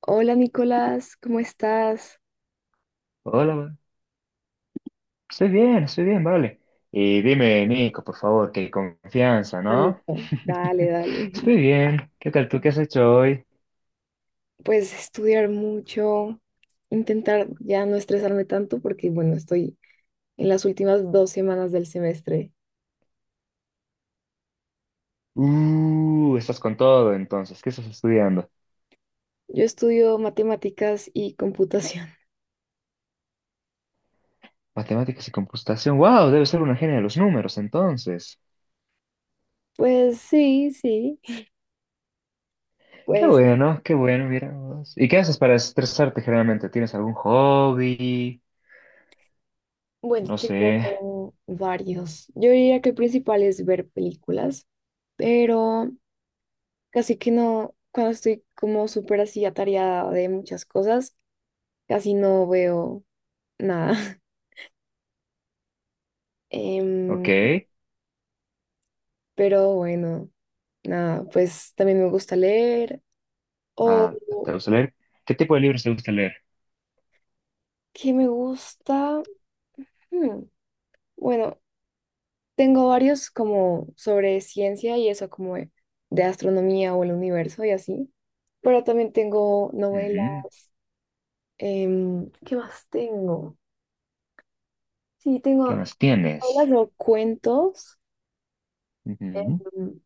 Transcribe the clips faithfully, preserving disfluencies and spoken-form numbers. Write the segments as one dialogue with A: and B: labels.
A: Hola Nicolás, ¿cómo estás?
B: Hola, ma. Estoy bien, estoy bien, vale. Y dime, Nico, por favor, qué confianza,
A: Ah,
B: ¿no?
A: Nico, dale, dale.
B: Estoy bien. ¿Qué tal tú? ¿Qué has hecho hoy?
A: Pues estudiar mucho, intentar ya no estresarme tanto porque bueno, estoy en las últimas dos semanas del semestre.
B: Uh, estás con todo, entonces. ¿Qué estás estudiando?
A: Yo estudio matemáticas y computación.
B: Matemáticas y computación. ¡Wow! Debe ser una genia de los números, entonces.
A: Pues sí, sí.
B: Qué
A: Pues
B: bueno, qué bueno, mira vos. ¿Y qué haces para estresarte generalmente? ¿Tienes algún hobby?
A: bueno,
B: No sé.
A: tengo varios. Yo diría que el principal es ver películas, pero casi que no, cuando estoy como súper así atareada de muchas cosas, casi no veo. Nada.
B: Ok.
A: Em, pero bueno, nada, pues también me gusta leer. O
B: Ah, ¿te gusta leer? ¿Qué tipo de libros te gusta leer?
A: qué me gusta. Hmm, bueno, tengo varios como sobre ciencia y eso, como de, de astronomía o el universo y así. Pero también tengo novelas.
B: Ujú.
A: Em, ¿qué más tengo? Sí,
B: ¿Qué
A: tengo
B: más
A: novelas
B: tienes?
A: o cuentos.
B: Ujú.
A: Mm,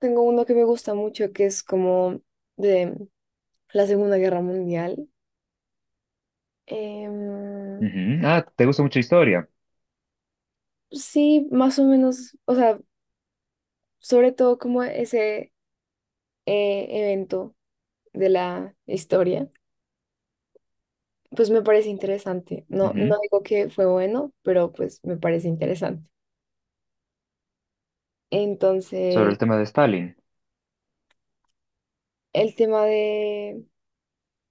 A: tengo uno que me gusta mucho que es como de la Segunda Guerra Mundial. Em,
B: Ujú. Ah, ¿te gusta mucho historia?
A: Sí, más o menos, o sea, sobre todo como ese eh, evento de la historia, pues me parece interesante. No,
B: Ujú.
A: no digo que fue bueno, pero pues me parece interesante.
B: Sobre
A: Entonces,
B: el tema de Stalin.
A: el tema de,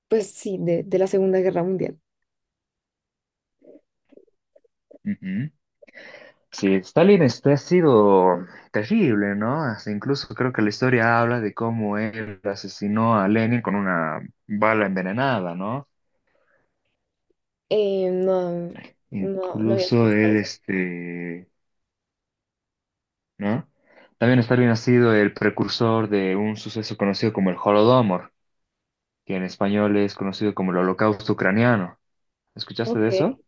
A: pues sí, de, de la Segunda Guerra Mundial.
B: Ujú. Sí, Stalin este ha sido terrible, ¿no? Hasta incluso creo que la historia habla de cómo él asesinó a Lenin con una bala envenenada, ¿no?
A: Eh, no, no, no había
B: Incluso
A: escuchado
B: él,
A: eso.
B: este, ¿no? También Stalin ha sido el precursor de un suceso conocido como el Holodomor, que en español es conocido como el Holocausto Ucraniano. ¿Escuchaste
A: Ok.
B: de eso?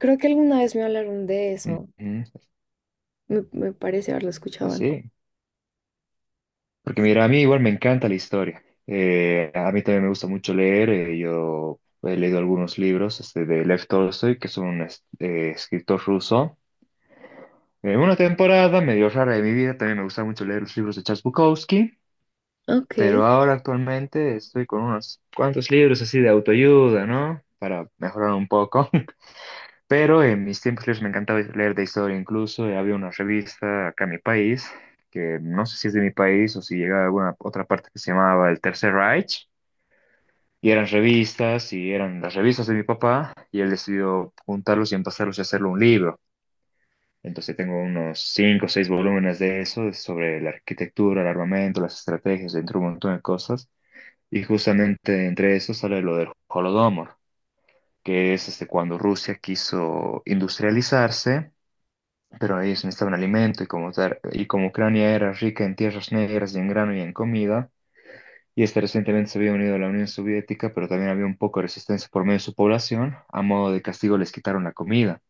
A: Creo que alguna vez me hablaron de eso.
B: Ujú.
A: Me, me parece haberlo escuchado antes.
B: Así. Porque mira, a mí igual me encanta la historia. Eh, a mí también me gusta mucho leer. Eh, yo he leído algunos libros este, de Lev Tolstoy, que es un es- eh, escritor ruso. En una temporada medio rara de mi vida también me gusta mucho leer los libros de Charles Bukowski,
A: Ok.
B: pero ahora actualmente estoy con unos cuantos libros así de autoayuda, ¿no? Para mejorar un poco. Pero en mis tiempos libres me encantaba leer de historia, incluso eh, había una revista acá en mi país, que no sé si es de mi país o si llega de alguna otra parte que se llamaba El Tercer Reich, y eran revistas, y eran las revistas de mi papá, y él decidió juntarlos y empezarlos a hacerlo un libro. Entonces tengo unos cinco o seis volúmenes de eso, de- sobre la arquitectura, el armamento, las estrategias, entre un montón de cosas, y justamente entre eso sale lo del Holodomor, que es este, cuando Rusia quiso industrializarse pero ellos necesitaban alimento y como, tar- y como Ucrania era rica en tierras negras y en grano y en comida, y este recientemente se había unido a la Unión Soviética, pero también había un poco de resistencia por medio de su población, a modo de castigo les quitaron la comida.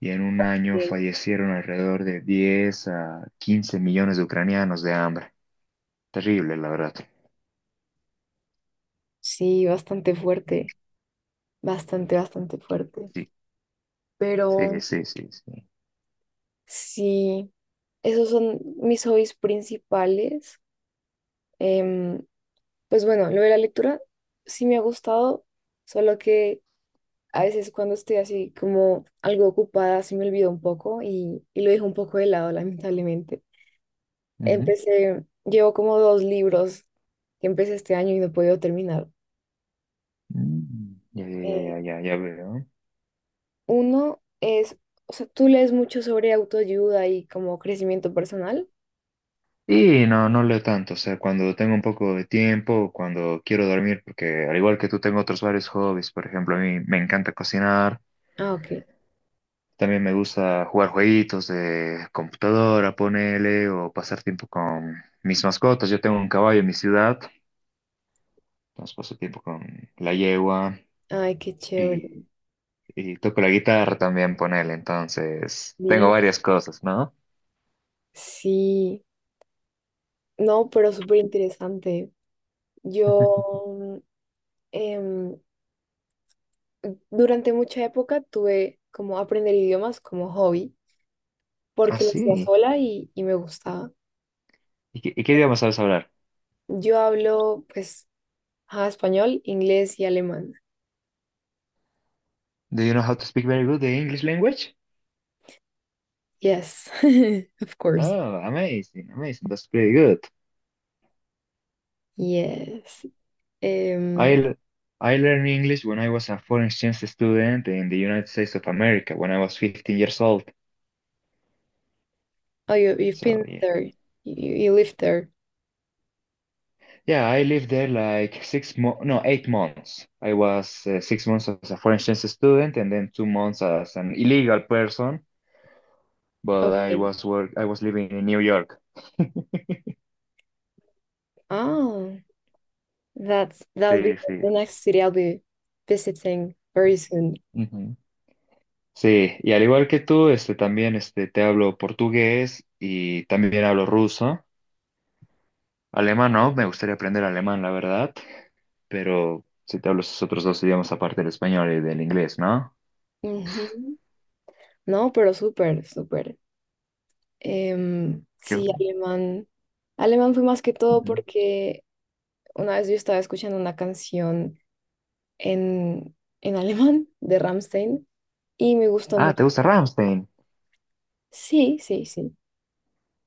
B: Y en un año
A: Bien.
B: fallecieron alrededor de diez a quince millones de ucranianos de hambre. Terrible, la verdad.
A: Sí, bastante fuerte. Bastante, bastante fuerte.
B: Sí, sí,
A: Pero
B: sí, sí, sí.
A: sí, esos son mis hobbies principales. Em, pues bueno, lo de la lectura sí me ha gustado, solo que a veces cuando estoy así como algo ocupada se me olvida un poco y, y lo dejo un poco de lado, lamentablemente.
B: Ujú.
A: Empecé, llevo como dos libros que empecé este año y no he podido terminar.
B: Mm. Ya, ya, ya,
A: Eh,
B: ya, ya, ya veo.
A: uno es, o sea, tú lees mucho sobre autoayuda y como crecimiento personal.
B: Y no, no leo tanto, o sea, cuando tengo un poco de tiempo, cuando quiero dormir, porque al igual que tú tengo otros varios hobbies, por ejemplo, a mí me encanta cocinar,
A: Ah, ok.
B: también me gusta jugar jueguitos de computadora, ponele, o pasar tiempo con mis mascotas. Yo tengo un caballo en mi ciudad, entonces paso tiempo con la yegua
A: Ay, qué chévere.
B: y, y toco la guitarra también, ponele, entonces tengo varias cosas, ¿no?
A: Sí, no, pero súper interesante. Yo mm, em, durante mucha época tuve como aprender idiomas como hobby,
B: Ah,
A: porque lo hacía
B: sí.
A: sola y, y me gustaba.
B: ¿Y qué, y qué idioma sabes hablar?
A: Yo hablo pues ajá, español, inglés y alemán.
B: Do you know how to speak very good the English language?
A: Yes, of course.
B: Oh, amazing, amazing. That's pretty good.
A: Yes.
B: I
A: um
B: l- I learned English when I was a foreign exchange student in the United States of America when I was fifteen years old.
A: oh, you, you've
B: So
A: been
B: yeah,
A: there. You, you live there.
B: yeah. I lived there like six mo no, eight months. I was uh, six months as a foreign exchange student and then two months as an illegal person. But I
A: Okay.
B: was work I was living in New York.
A: Oh, that's that'll be
B: Sí,
A: the
B: sí.
A: next city I'll be visiting very soon.
B: Ujú. Sí, y al igual que tú, este, también este, te hablo portugués y también hablo ruso. Alemán no, me gustaría aprender alemán, la verdad, pero si te hablo esos otros dos idiomas aparte del español y del inglés, ¿no?
A: Ujú. No, pero súper, súper. Em,
B: ¿Qué-
A: sí, alemán. Alemán fue más que todo
B: Ujú.
A: porque una vez yo estaba escuchando una canción en, en alemán de Rammstein y me gustó
B: Ah,
A: mucho.
B: ¿te gusta Rammstein?
A: Sí, sí, sí.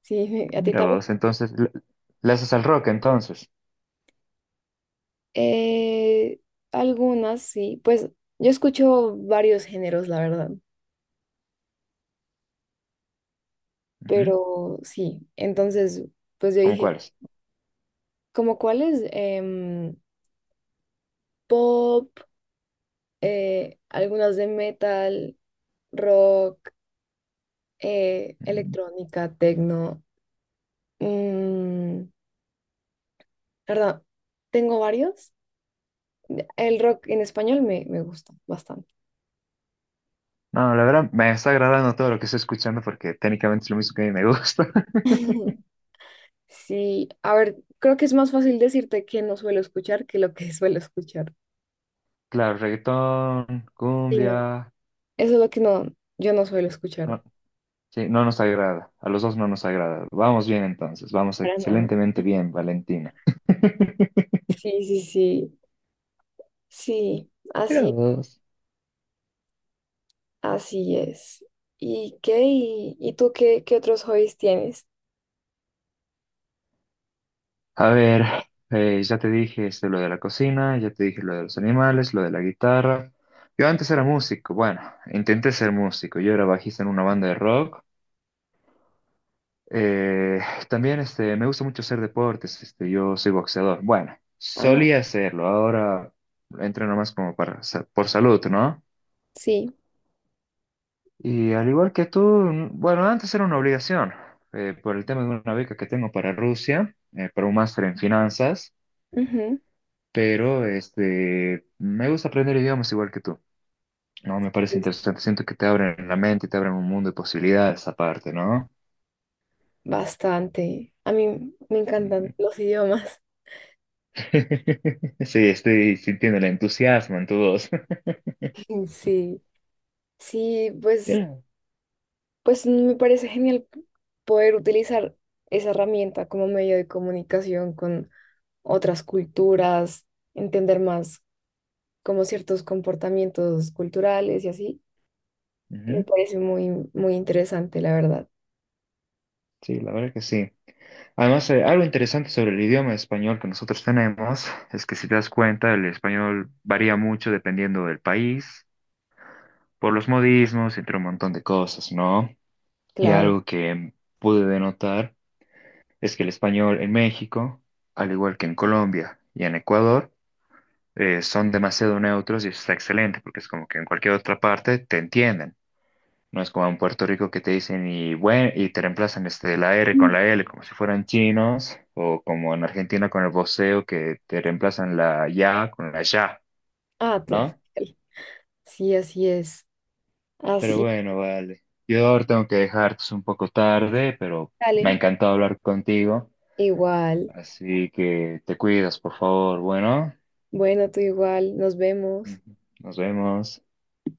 A: Sí, me- a ti
B: Mira
A: también.
B: vos, entonces, le, le haces al rock entonces.
A: Eh, algunas, sí. Pues yo escucho varios géneros, la verdad.
B: Ujú.
A: Pero sí, entonces, pues yo
B: ¿Cómo
A: dije,
B: cuáles?
A: ¿como cuáles? Em, pop. eh, algunas de metal, rock, eh,
B: Mm,
A: electrónica, techno. Mm, la verdad, tengo varios. El rock en español me, me gusta bastante.
B: no, la verdad me está agradando todo lo que estoy escuchando porque técnicamente es lo mismo que a mí me gusta.
A: Sí, a ver, creo que es más fácil decirte que no suelo escuchar que lo que suelo escuchar.
B: Claro, reggaetón,
A: Sí, no,
B: cumbia,
A: eso es lo que no, yo no suelo escuchar
B: no, sí, no nos agrada, a los dos no nos agrada. Vamos bien entonces, vamos
A: para nada.
B: excelentemente bien, Valentina.
A: Sí, sí, sí, sí,
B: Mira
A: así,
B: vos.
A: así es. ¿Y qué? ¿Y, y tú qué, qué otros hobbies tienes?
B: A ver, eh, ya te dije este, lo de la cocina, ya te dije lo de los animales, lo de la guitarra. Yo antes era músico, bueno, intenté ser músico, yo era bajista en una banda de rock. Eh, también este, me gusta mucho hacer deportes, este, yo soy boxeador. Bueno,
A: Ah,
B: solía hacerlo, ahora entreno más como para, sa- por salud, ¿no?
A: sí,
B: Y al igual que tú, mm, bueno, antes era una obligación, eh, por el tema de una beca que tengo para Rusia, eh, para un máster en finanzas.
A: ujú,
B: Pero este, me gusta aprender idiomas igual que tú. No, me parece interesante. Siento que te abren la mente, y te abren un mundo de posibilidades aparte, ¿no?
A: bastante. A mí me encantan
B: Ujú.
A: los idiomas.
B: Sí, estoy sintiendo el entusiasmo en tu voz.
A: Sí, sí, pues,
B: Yeah.
A: pues me parece genial poder utilizar esa herramienta como medio de comunicación con otras culturas, entender más como ciertos comportamientos culturales y así. Me
B: Ujú.
A: parece muy, muy interesante, la verdad.
B: Sí, la verdad que sí. Además, eh, algo interesante sobre el idioma español que nosotros tenemos es que si te das cuenta, el español varía mucho dependiendo del país, por los modismos, entre un montón de cosas, ¿no? Y
A: Claro.
B: algo que pude denotar. Es que el español en México, al igual que en Colombia y en Ecuador, eh, son demasiado neutros y eso está excelente, porque es como que en cualquier otra parte te entienden. No es como en Puerto Rico que te dicen y bueno, y te reemplazan este, la R con
A: Mm.
B: la L como si fueran chinos, o como en Argentina con el voceo que te reemplazan la ya con la ya,
A: Ah, total.
B: ¿no?
A: Sí, así es.
B: Pero
A: Así
B: bueno, vale. Yo ahora tengo que dejar, que es un poco tarde, pero me ha
A: sale.
B: encantado hablar contigo.
A: Igual.
B: Así que te cuidas, por favor. Bueno.
A: Bueno, tú igual, nos vemos.
B: Ujú. Nos vemos.